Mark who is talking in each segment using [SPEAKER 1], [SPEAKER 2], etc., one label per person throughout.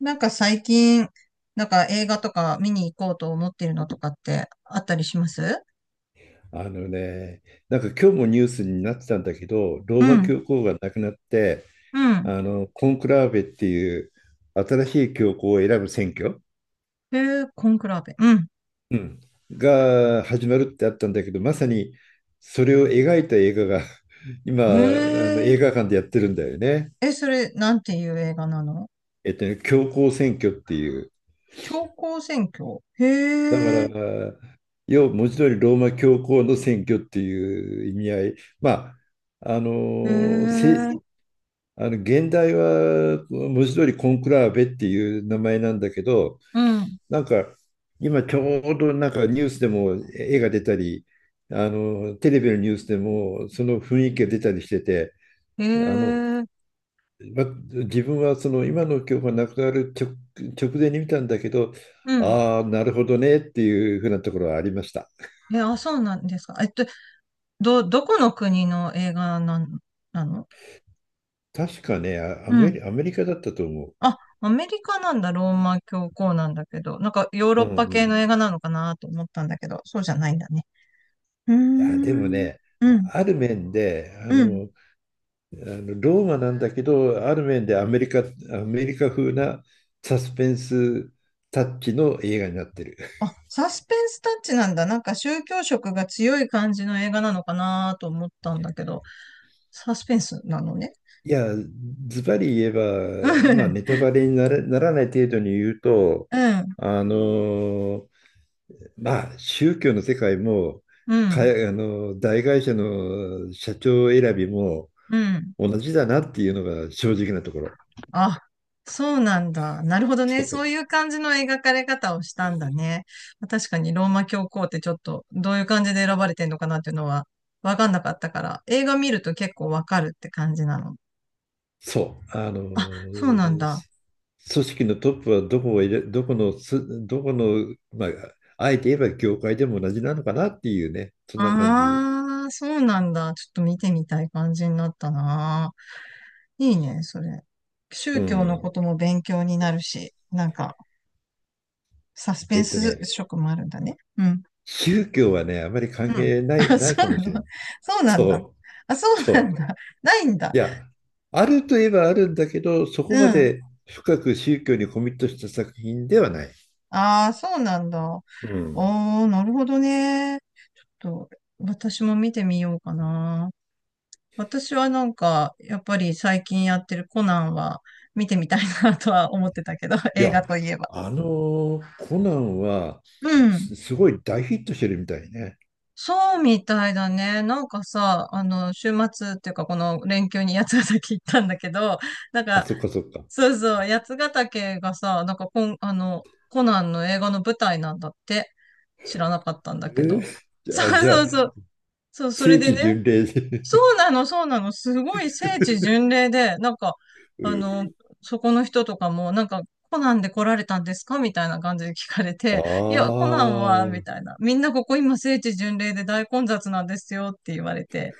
[SPEAKER 1] なんか最近、なんか映画とか見に行こうと思っているのとかってあったりします？
[SPEAKER 2] あのね、なんか今日もニュースになってたんだけど、ロ
[SPEAKER 1] う
[SPEAKER 2] ーマ
[SPEAKER 1] ん。
[SPEAKER 2] 教皇が亡くなって、
[SPEAKER 1] うん。
[SPEAKER 2] あのコンクラーベっていう新しい教皇を選ぶ選挙、
[SPEAKER 1] へえ、コンクラーベ。うん。
[SPEAKER 2] うん、が始まるってあったんだけど、まさにそれを描いた映画が 今、あ
[SPEAKER 1] へ
[SPEAKER 2] の映
[SPEAKER 1] え。
[SPEAKER 2] 画館でやってるんだよね。
[SPEAKER 1] え、それ、なんていう映画なの？
[SPEAKER 2] 教皇選挙っていう。
[SPEAKER 1] 教皇選挙。
[SPEAKER 2] だか
[SPEAKER 1] へえ。
[SPEAKER 2] ら、要は文字通りローマ教皇の選挙っていう意味合い。まああ
[SPEAKER 1] へ
[SPEAKER 2] のせ
[SPEAKER 1] え。
[SPEAKER 2] あの現代は文字通りコンクラーベっていう名前なんだけど、
[SPEAKER 1] うん。
[SPEAKER 2] なんか今ちょうどなんかニュースでも絵が出たり、あのテレビのニュースでもその雰囲気が出たりしてて、
[SPEAKER 1] へ
[SPEAKER 2] あの
[SPEAKER 1] え。
[SPEAKER 2] ま自分はその今の教科がなくなる直、直前に見たんだけど、
[SPEAKER 1] うん。
[SPEAKER 2] ああ、なるほどねっていうふうなところはありました。
[SPEAKER 1] え、あ、そうなんですか。どこの国の映画なの？
[SPEAKER 2] 確かね、アメリカだったと思
[SPEAKER 1] あ、アメリカなんだ、ローマ教皇なんだけど、なんかヨー
[SPEAKER 2] う。
[SPEAKER 1] ロッ
[SPEAKER 2] うん
[SPEAKER 1] パ
[SPEAKER 2] うん。
[SPEAKER 1] 系
[SPEAKER 2] い
[SPEAKER 1] の映画なのかなと思ったんだけど、そうじゃないんだね。うー
[SPEAKER 2] や、でも
[SPEAKER 1] ん、
[SPEAKER 2] ね、
[SPEAKER 1] う
[SPEAKER 2] あ
[SPEAKER 1] ん、
[SPEAKER 2] ある面で、あ
[SPEAKER 1] うん。
[SPEAKER 2] の、あのローマなんだけど、ある面でアメリカ風なサスペンスタッチの映画になってる。
[SPEAKER 1] あ、サスペンスタッチなんだ。なんか宗教色が強い感じの映画なのかなと思ったんだけど、サスペンスなのね。
[SPEAKER 2] いや、ズバリ言え
[SPEAKER 1] う
[SPEAKER 2] ば、まあ、
[SPEAKER 1] ん、
[SPEAKER 2] ネタバレになら、ならない程度に言うと、
[SPEAKER 1] うん、
[SPEAKER 2] あのまあ、宗教の世界も、
[SPEAKER 1] う
[SPEAKER 2] かあ
[SPEAKER 1] ん。
[SPEAKER 2] の大会社の社長選びも
[SPEAKER 1] うん。
[SPEAKER 2] 同じだなっていうのが正直なところ。
[SPEAKER 1] あ、そうなんだ。なるほど
[SPEAKER 2] そ
[SPEAKER 1] ね。そ
[SPEAKER 2] う
[SPEAKER 1] ういう感じの描かれ方をしたんだね。確かにローマ教皇ってちょっとどういう感じで選ばれてんのかなっていうのはわかんなかったから、映画見ると結構わかるって感じなの？
[SPEAKER 2] そう、あの、
[SPEAKER 1] あ、そうなん
[SPEAKER 2] 組
[SPEAKER 1] だ。
[SPEAKER 2] 織のトップはどこを入れ、どこのす、どこの、まあ、あえて言えば業界でも同じなのかなっていうね、そんな感じ。
[SPEAKER 1] ああ、そうなんだ。ちょっと見てみたい感じになったな。いいね、それ。
[SPEAKER 2] う
[SPEAKER 1] 宗教の
[SPEAKER 2] ん。
[SPEAKER 1] ことも勉強になるし、なんかサスペ
[SPEAKER 2] え
[SPEAKER 1] ン
[SPEAKER 2] っと
[SPEAKER 1] ス
[SPEAKER 2] ね、
[SPEAKER 1] 色もあるんだね。うん。
[SPEAKER 2] 宗教はね、あまり
[SPEAKER 1] う
[SPEAKER 2] 関
[SPEAKER 1] ん。
[SPEAKER 2] 係ない、
[SPEAKER 1] あ、
[SPEAKER 2] な
[SPEAKER 1] そ
[SPEAKER 2] いか
[SPEAKER 1] うな
[SPEAKER 2] もしれな
[SPEAKER 1] の？
[SPEAKER 2] い。
[SPEAKER 1] そうなんだ。
[SPEAKER 2] そ
[SPEAKER 1] あ、そう
[SPEAKER 2] う、そ
[SPEAKER 1] なん
[SPEAKER 2] う。
[SPEAKER 1] だ。ないんだ。
[SPEAKER 2] いや、あるといえばあるんだけど、そ
[SPEAKER 1] う
[SPEAKER 2] こま
[SPEAKER 1] ん。
[SPEAKER 2] で深く宗教にコミットした作品ではない。
[SPEAKER 1] ああ、そうなんだ。
[SPEAKER 2] うん。
[SPEAKER 1] おー、なるほどね。と、私も見てみようかな。私はなんか、やっぱり最近やってるコナンは見てみたいなとは思ってたけど、
[SPEAKER 2] い
[SPEAKER 1] 映
[SPEAKER 2] や、
[SPEAKER 1] 画といえば。
[SPEAKER 2] あのコナンは
[SPEAKER 1] うん。
[SPEAKER 2] すごい大ヒットしてるみたいね。
[SPEAKER 1] そうみたいだね。なんかさ、あの、週末っていうかこの連休に八ヶ岳行ったんだけど、なん
[SPEAKER 2] あ、
[SPEAKER 1] か
[SPEAKER 2] そっかそっか。
[SPEAKER 1] そうそう、八ヶ岳がさ、なんかこん、あの、コナンの映画の舞台なんだって知らなかったんだ
[SPEAKER 2] え
[SPEAKER 1] け
[SPEAKER 2] ー、
[SPEAKER 1] ど。そう
[SPEAKER 2] じゃ
[SPEAKER 1] そう
[SPEAKER 2] あ、
[SPEAKER 1] そう。そう、そ
[SPEAKER 2] 正
[SPEAKER 1] れで
[SPEAKER 2] 規
[SPEAKER 1] ね、
[SPEAKER 2] 巡礼で
[SPEAKER 1] そうなの、そうなの。すごい聖地 巡礼で、なんか、
[SPEAKER 2] う
[SPEAKER 1] あ
[SPEAKER 2] ん。
[SPEAKER 1] の、そこの人とかも、なんか、コナンで来られたんですかみたいな感じで聞かれ
[SPEAKER 2] あ
[SPEAKER 1] て、いや、コナン
[SPEAKER 2] あ、
[SPEAKER 1] は、
[SPEAKER 2] う
[SPEAKER 1] み
[SPEAKER 2] ん、
[SPEAKER 1] たいな。みんなここ今聖地巡礼で大混雑なんですよって言われて、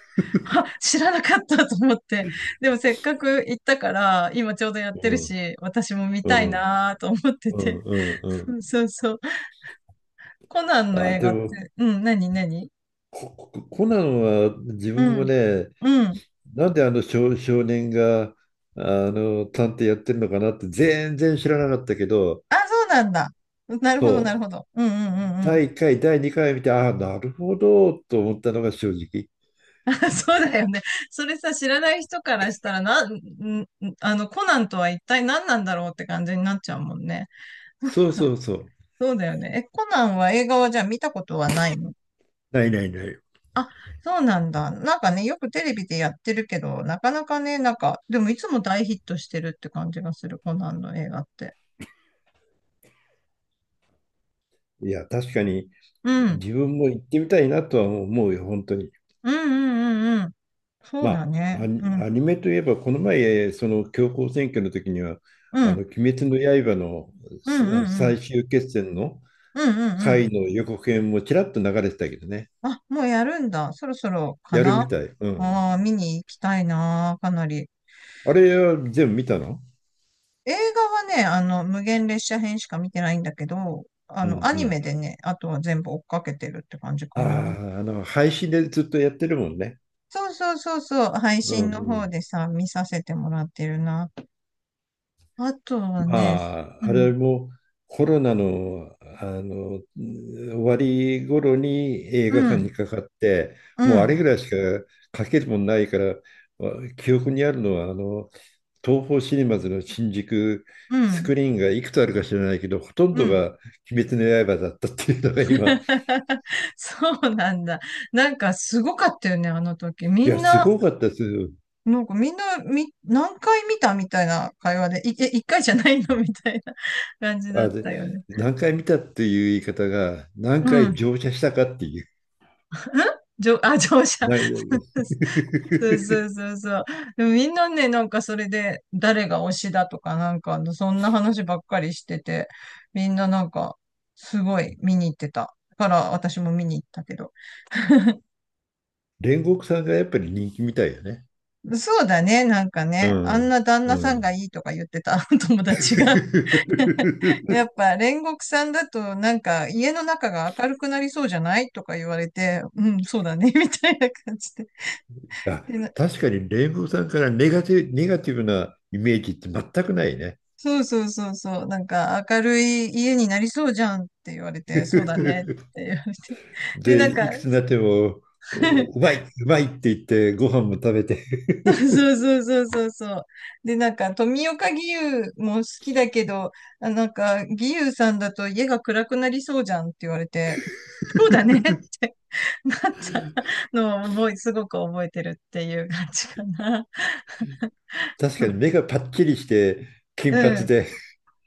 [SPEAKER 1] あ、知らなかったと思って。でもせっかく行ったから、今ちょうどやって
[SPEAKER 2] う
[SPEAKER 1] る
[SPEAKER 2] ん、
[SPEAKER 1] し、私も見
[SPEAKER 2] う
[SPEAKER 1] たい
[SPEAKER 2] ん、
[SPEAKER 1] なと思って
[SPEAKER 2] う
[SPEAKER 1] て。
[SPEAKER 2] ん、う
[SPEAKER 1] そ
[SPEAKER 2] ん。
[SPEAKER 1] うそうそう。コナンの
[SPEAKER 2] あ、
[SPEAKER 1] 映
[SPEAKER 2] で
[SPEAKER 1] 画っ
[SPEAKER 2] も、
[SPEAKER 1] て、うん、何？
[SPEAKER 2] コナンは自
[SPEAKER 1] う
[SPEAKER 2] 分も
[SPEAKER 1] ん、
[SPEAKER 2] ね、
[SPEAKER 1] うん。
[SPEAKER 2] なんであの少年があの探偵やってるのかなって全然知らなかったけど、
[SPEAKER 1] あ、そうなんだ。なるほど、なる
[SPEAKER 2] そう、
[SPEAKER 1] ほど。うんうんうんうん。
[SPEAKER 2] 第1回、第2回見て、ああ、なるほどと思ったのが正直。
[SPEAKER 1] そうだよね。それさ、知らない人からしたら、な、ん、んあの、コナンとは一体何なんだろうって感じになっちゃうもんね。
[SPEAKER 2] そうそうそう。
[SPEAKER 1] そうだよね。え、コナンは映画はじゃあ見たことはないの？
[SPEAKER 2] ないないない。
[SPEAKER 1] あ、そうなんだ。なんかね、よくテレビでやってるけど、なかなかね、なんか、でもいつも大ヒットしてるって感じがする、コナンの映画って。
[SPEAKER 2] いや、確かに
[SPEAKER 1] うん。
[SPEAKER 2] 自分も行ってみたいなとは思うよ、本当に。
[SPEAKER 1] うんうんうんうん。そうだ
[SPEAKER 2] まあ、
[SPEAKER 1] ね。うん。
[SPEAKER 2] アニメといえば、この前、その強行選挙の時には、
[SPEAKER 1] う
[SPEAKER 2] あの、
[SPEAKER 1] ん。
[SPEAKER 2] 鬼滅の刃の
[SPEAKER 1] うんうんうん。
[SPEAKER 2] 最終決戦の
[SPEAKER 1] うんうんうん。
[SPEAKER 2] 回の予告編もちらっと流れてたけどね。
[SPEAKER 1] あ、もうやるんだ。そろそろか
[SPEAKER 2] やるみ
[SPEAKER 1] な？
[SPEAKER 2] たい。うん。
[SPEAKER 1] ああ見に行きたいな、かなり。
[SPEAKER 2] あれは全部見たの？
[SPEAKER 1] 映画はね、あの、無限列車編しか見てないんだけど、あ
[SPEAKER 2] う
[SPEAKER 1] の、
[SPEAKER 2] ん
[SPEAKER 1] ア
[SPEAKER 2] う
[SPEAKER 1] ニメ
[SPEAKER 2] ん。
[SPEAKER 1] でね、あとは全部追っかけてるって感じ
[SPEAKER 2] あ
[SPEAKER 1] かな。
[SPEAKER 2] あ、あの、配信でずっとやってるもんね。
[SPEAKER 1] そうそうそうそう、配
[SPEAKER 2] うんう
[SPEAKER 1] 信の方
[SPEAKER 2] ん。
[SPEAKER 1] でさ、見させてもらってるな。あとはね、
[SPEAKER 2] ま
[SPEAKER 1] う
[SPEAKER 2] あ、あ
[SPEAKER 1] ん、
[SPEAKER 2] れもコロナの、あの終わり頃に映
[SPEAKER 1] う
[SPEAKER 2] 画館
[SPEAKER 1] ん、
[SPEAKER 2] にかかって、
[SPEAKER 1] う
[SPEAKER 2] もうあれ
[SPEAKER 1] ん、
[SPEAKER 2] ぐらいしか書けるもんないから、記憶にあるのはあの東宝シネマズの新宿
[SPEAKER 1] う
[SPEAKER 2] ス
[SPEAKER 1] ん、
[SPEAKER 2] クリーンがいくつあるか知らないけど、ほとん
[SPEAKER 1] う
[SPEAKER 2] ど
[SPEAKER 1] ん。
[SPEAKER 2] が「鬼滅の刃」だったっていうのが今、
[SPEAKER 1] そうなんだ。なんかすごかったよね、あの時。み
[SPEAKER 2] いや、
[SPEAKER 1] ん
[SPEAKER 2] す
[SPEAKER 1] な、
[SPEAKER 2] ごかったですよ。
[SPEAKER 1] なんかみんな、何回見たみたいな会話で、一回じゃないのみたいな 感じだっ
[SPEAKER 2] あ、で、
[SPEAKER 1] たよね。
[SPEAKER 2] 何回見たっていう言い方が、何
[SPEAKER 1] う
[SPEAKER 2] 回
[SPEAKER 1] ん。
[SPEAKER 2] 乗車したかっていう。
[SPEAKER 1] じょ、あ、乗車。
[SPEAKER 2] な
[SPEAKER 1] そうそうそうそう。でもみんなね、なんかそれで、誰が推しだとか、なんか、そんな話ばっかりしてて、みんななんか、すごい見に行ってた。だから、私も見に行ったけど。
[SPEAKER 2] 煉獄さんがやっぱり人気みたいよね。
[SPEAKER 1] そうだね、なんか
[SPEAKER 2] う
[SPEAKER 1] ね、あん
[SPEAKER 2] ん。
[SPEAKER 1] な旦
[SPEAKER 2] う
[SPEAKER 1] 那さんが
[SPEAKER 2] ん。
[SPEAKER 1] いいとか言ってた 友達がやっ ぱ煉獄さんだとなんか家の中が明るくなりそうじゃないとか言われて、うん、そうだね、みたいな感じで。
[SPEAKER 2] あ、
[SPEAKER 1] で、な
[SPEAKER 2] 確かに煉獄さんからネガティブなイメージって全くないね。
[SPEAKER 1] そうそうそうそう、なんか明るい家になりそうじゃんって言われて、そうだねっ て言われて。で、
[SPEAKER 2] で、
[SPEAKER 1] なんか、
[SPEAKER 2] いくつになっても、う まい、うまいって言ってご飯も食べて。
[SPEAKER 1] そ うそうそうそうそう。で、なんか富岡義勇も好きだけど、あなんか義勇さんだと家が暗くなりそうじゃんって言われて、そうだねってなったのをすごく覚えてるっていう感じかな。
[SPEAKER 2] 確かに目がパッチリして金
[SPEAKER 1] う
[SPEAKER 2] 髪
[SPEAKER 1] ん。
[SPEAKER 2] で、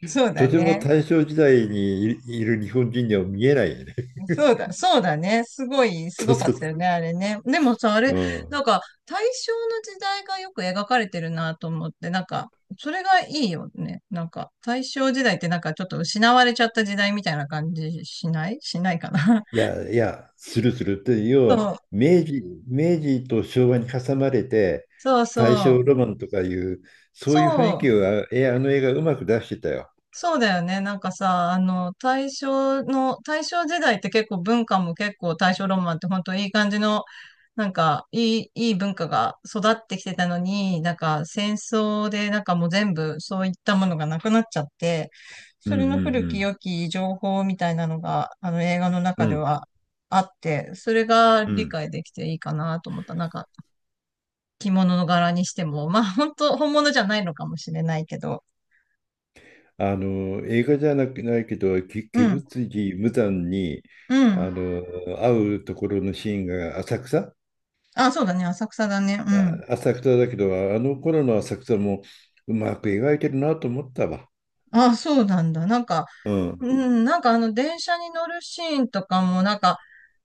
[SPEAKER 1] そう
[SPEAKER 2] と
[SPEAKER 1] だ
[SPEAKER 2] ても
[SPEAKER 1] ね。
[SPEAKER 2] 大正時代にいる日本人には見えないよね。
[SPEAKER 1] そうだね。す
[SPEAKER 2] そう
[SPEAKER 1] ごかっ
[SPEAKER 2] そうそ
[SPEAKER 1] たよね、あれね。でもさ、あれ、
[SPEAKER 2] う。う
[SPEAKER 1] なん
[SPEAKER 2] ん。
[SPEAKER 1] か、大正の時代がよく描かれてるなと思って、なんか、それがいいよね。なんか、大正時代ってなんかちょっと失われちゃった時代みたいな感じしないかな。
[SPEAKER 2] いやいや、するするって、要は
[SPEAKER 1] そう、
[SPEAKER 2] 明治、明治と昭和に挟まれて、
[SPEAKER 1] そう
[SPEAKER 2] 大
[SPEAKER 1] そ
[SPEAKER 2] 正
[SPEAKER 1] う。
[SPEAKER 2] ロマンとかいう、そ
[SPEAKER 1] そ
[SPEAKER 2] ういう雰囲
[SPEAKER 1] う、
[SPEAKER 2] 気をあの映画うまく出してたよ。
[SPEAKER 1] そうだよね。なんかさ、あの、大正時代って結構文化も結構大正ロマンって本当いい感じの、なんかいい文化が育ってきてたのに、なんか戦争でなんかもう全部そういったものがなくなっちゃって、
[SPEAKER 2] う
[SPEAKER 1] そ
[SPEAKER 2] んう
[SPEAKER 1] れの古き
[SPEAKER 2] ん
[SPEAKER 1] 良き情報みたいなのが、あの映画の
[SPEAKER 2] う
[SPEAKER 1] 中
[SPEAKER 2] ん。う
[SPEAKER 1] で
[SPEAKER 2] ん
[SPEAKER 1] はあって、それが
[SPEAKER 2] う
[SPEAKER 1] 理
[SPEAKER 2] ん。
[SPEAKER 1] 解できていいかなと思った。なんか着物の柄にしても、まあ本当本物じゃないのかもしれないけど、
[SPEAKER 2] あの、映画じゃなくないけど、
[SPEAKER 1] う
[SPEAKER 2] 鬼
[SPEAKER 1] ん、
[SPEAKER 2] 舞辻無惨に
[SPEAKER 1] うん。
[SPEAKER 2] あの会うところのシーンが
[SPEAKER 1] あ、そうだね、浅草だね。うん。
[SPEAKER 2] 浅草だけど、あの頃の浅草もうまく描いてるなと思ったわ。
[SPEAKER 1] あ、そうなんだ。なんか、
[SPEAKER 2] うん。
[SPEAKER 1] うん、なんかあの、電車に乗るシーンとかも、なんか、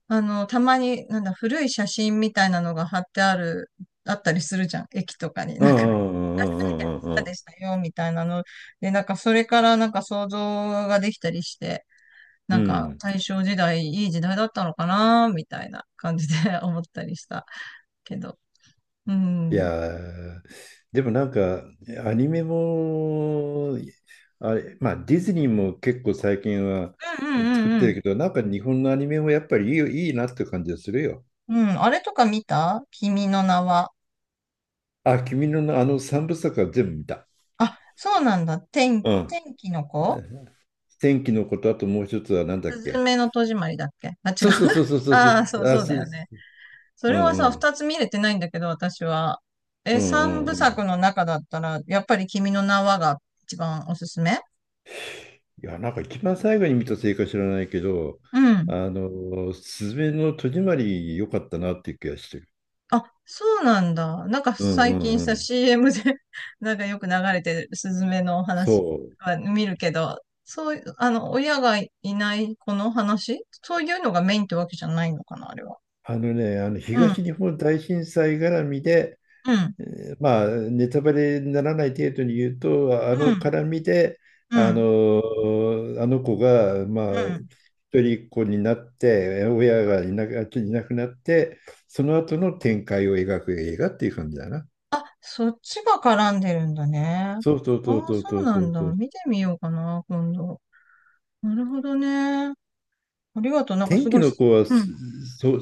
[SPEAKER 1] あの、たまに、なんだ、古い写真みたいなのが貼ってある、あったりするじゃん。駅とかに。
[SPEAKER 2] うん
[SPEAKER 1] な
[SPEAKER 2] う
[SPEAKER 1] んか、
[SPEAKER 2] んう
[SPEAKER 1] 昔何々
[SPEAKER 2] んうん
[SPEAKER 1] こ
[SPEAKER 2] うんう
[SPEAKER 1] ん
[SPEAKER 2] んう
[SPEAKER 1] な
[SPEAKER 2] ん。
[SPEAKER 1] でしたよ、みたいなの。で、なんか、それからなんか想像ができたりして、な
[SPEAKER 2] う
[SPEAKER 1] んか、
[SPEAKER 2] ん。
[SPEAKER 1] 大正時代、いい時代だったのかな、みたいな感じで 思ったりしたけど。うん。
[SPEAKER 2] い
[SPEAKER 1] うん
[SPEAKER 2] やー、でもなんか、アニメも、あれ、まあ、ディズニーも結構最近は
[SPEAKER 1] うんう
[SPEAKER 2] 作っ
[SPEAKER 1] んう
[SPEAKER 2] て
[SPEAKER 1] ん。
[SPEAKER 2] るけど、なんか日本のアニメもやっぱりいいよ、いいなって感じがするよ。
[SPEAKER 1] うん、あれとか見た？君の名は。
[SPEAKER 2] あ、君のあの三部作は全部見た。
[SPEAKER 1] あ、そうなんだ。
[SPEAKER 2] うん。
[SPEAKER 1] 天気の子？
[SPEAKER 2] 天気のこと、あともう一つはなんだ
[SPEAKER 1] す
[SPEAKER 2] っ
[SPEAKER 1] ず
[SPEAKER 2] け。
[SPEAKER 1] めの戸締まりだっけ？あ、違う。
[SPEAKER 2] そうそうそうそう そうそ
[SPEAKER 1] ああ、そ
[SPEAKER 2] う。
[SPEAKER 1] う、
[SPEAKER 2] あ、
[SPEAKER 1] そうだ
[SPEAKER 2] そう
[SPEAKER 1] よね。
[SPEAKER 2] そう。
[SPEAKER 1] そ
[SPEAKER 2] う
[SPEAKER 1] れは
[SPEAKER 2] ん
[SPEAKER 1] さ、
[SPEAKER 2] うん。
[SPEAKER 1] 二つ見れてないんだけど、私は。
[SPEAKER 2] う
[SPEAKER 1] え、
[SPEAKER 2] んう
[SPEAKER 1] 三
[SPEAKER 2] ん
[SPEAKER 1] 部
[SPEAKER 2] うん。
[SPEAKER 1] 作の中だったら、やっぱり君の名はが一番おすすめ？
[SPEAKER 2] いや、なんか一番最後に見たせいか知らないけど、
[SPEAKER 1] うん。
[SPEAKER 2] あの、すずめの戸締まり良かったなっていう気がしてる。
[SPEAKER 1] あ、そうなんだ。なんか
[SPEAKER 2] うんう
[SPEAKER 1] 最
[SPEAKER 2] ん
[SPEAKER 1] 近
[SPEAKER 2] う
[SPEAKER 1] さ、
[SPEAKER 2] ん。
[SPEAKER 1] CM で なんかよく流れてるスズメの話
[SPEAKER 2] そう。
[SPEAKER 1] は見るけど、そういう、あの、親がいない子の話、そういうのがメインってわけじゃないのかな、あれは。
[SPEAKER 2] あのね、あの
[SPEAKER 1] う
[SPEAKER 2] 東
[SPEAKER 1] ん、
[SPEAKER 2] 日本大震災絡みで、
[SPEAKER 1] うん、
[SPEAKER 2] えーまあ、ネタバレにならない程度に言うと、あ
[SPEAKER 1] う
[SPEAKER 2] の
[SPEAKER 1] ん。
[SPEAKER 2] 絡みで、
[SPEAKER 1] う
[SPEAKER 2] あ
[SPEAKER 1] ん。
[SPEAKER 2] の、あの子が、まあ、
[SPEAKER 1] うん。
[SPEAKER 2] 一人っ子になって、親がいなく、いなくなって、その後の展開を描く映画っていう感じだな。
[SPEAKER 1] そっちが絡んでるんだね。あ
[SPEAKER 2] そうそうそう
[SPEAKER 1] あ、
[SPEAKER 2] そう
[SPEAKER 1] そ
[SPEAKER 2] そ
[SPEAKER 1] う
[SPEAKER 2] う
[SPEAKER 1] な
[SPEAKER 2] そ
[SPEAKER 1] ん
[SPEAKER 2] う
[SPEAKER 1] だ。
[SPEAKER 2] そう。
[SPEAKER 1] 見てみようかな、今度。なるほどね。ありがとう。なんか
[SPEAKER 2] 天
[SPEAKER 1] すご
[SPEAKER 2] 気
[SPEAKER 1] い
[SPEAKER 2] の
[SPEAKER 1] す、
[SPEAKER 2] 子は
[SPEAKER 1] う
[SPEAKER 2] そ、
[SPEAKER 1] ん。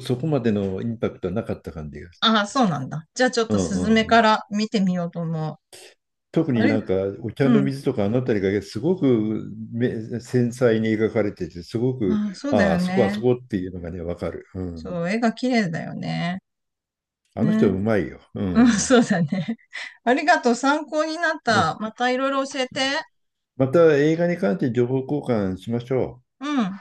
[SPEAKER 2] そこまでのインパクトはなかった感じがす
[SPEAKER 1] ああ、そうなんだ。じゃあちょっ
[SPEAKER 2] る。
[SPEAKER 1] と
[SPEAKER 2] うん
[SPEAKER 1] スズメ
[SPEAKER 2] う
[SPEAKER 1] か
[SPEAKER 2] ん。
[SPEAKER 1] ら見てみようと思う。
[SPEAKER 2] 特
[SPEAKER 1] あ
[SPEAKER 2] に
[SPEAKER 1] れ、
[SPEAKER 2] なんかお茶
[SPEAKER 1] う
[SPEAKER 2] の
[SPEAKER 1] ん。
[SPEAKER 2] 水とかあの辺りがすごく繊細に描かれててすごく
[SPEAKER 1] ああ、そうだ
[SPEAKER 2] ああ
[SPEAKER 1] よ
[SPEAKER 2] そこあ
[SPEAKER 1] ね。
[SPEAKER 2] そこっていうのがね分かる、うん、
[SPEAKER 1] そう、絵が綺麗だよね。
[SPEAKER 2] あの人う
[SPEAKER 1] ね。
[SPEAKER 2] まいよ、う
[SPEAKER 1] うん、
[SPEAKER 2] ん
[SPEAKER 1] そうだね。ありがとう。参考になっ
[SPEAKER 2] う
[SPEAKER 1] た。
[SPEAKER 2] ん。
[SPEAKER 1] またいろいろ教えて。
[SPEAKER 2] また映画に関して情報交換しましょう
[SPEAKER 1] うん。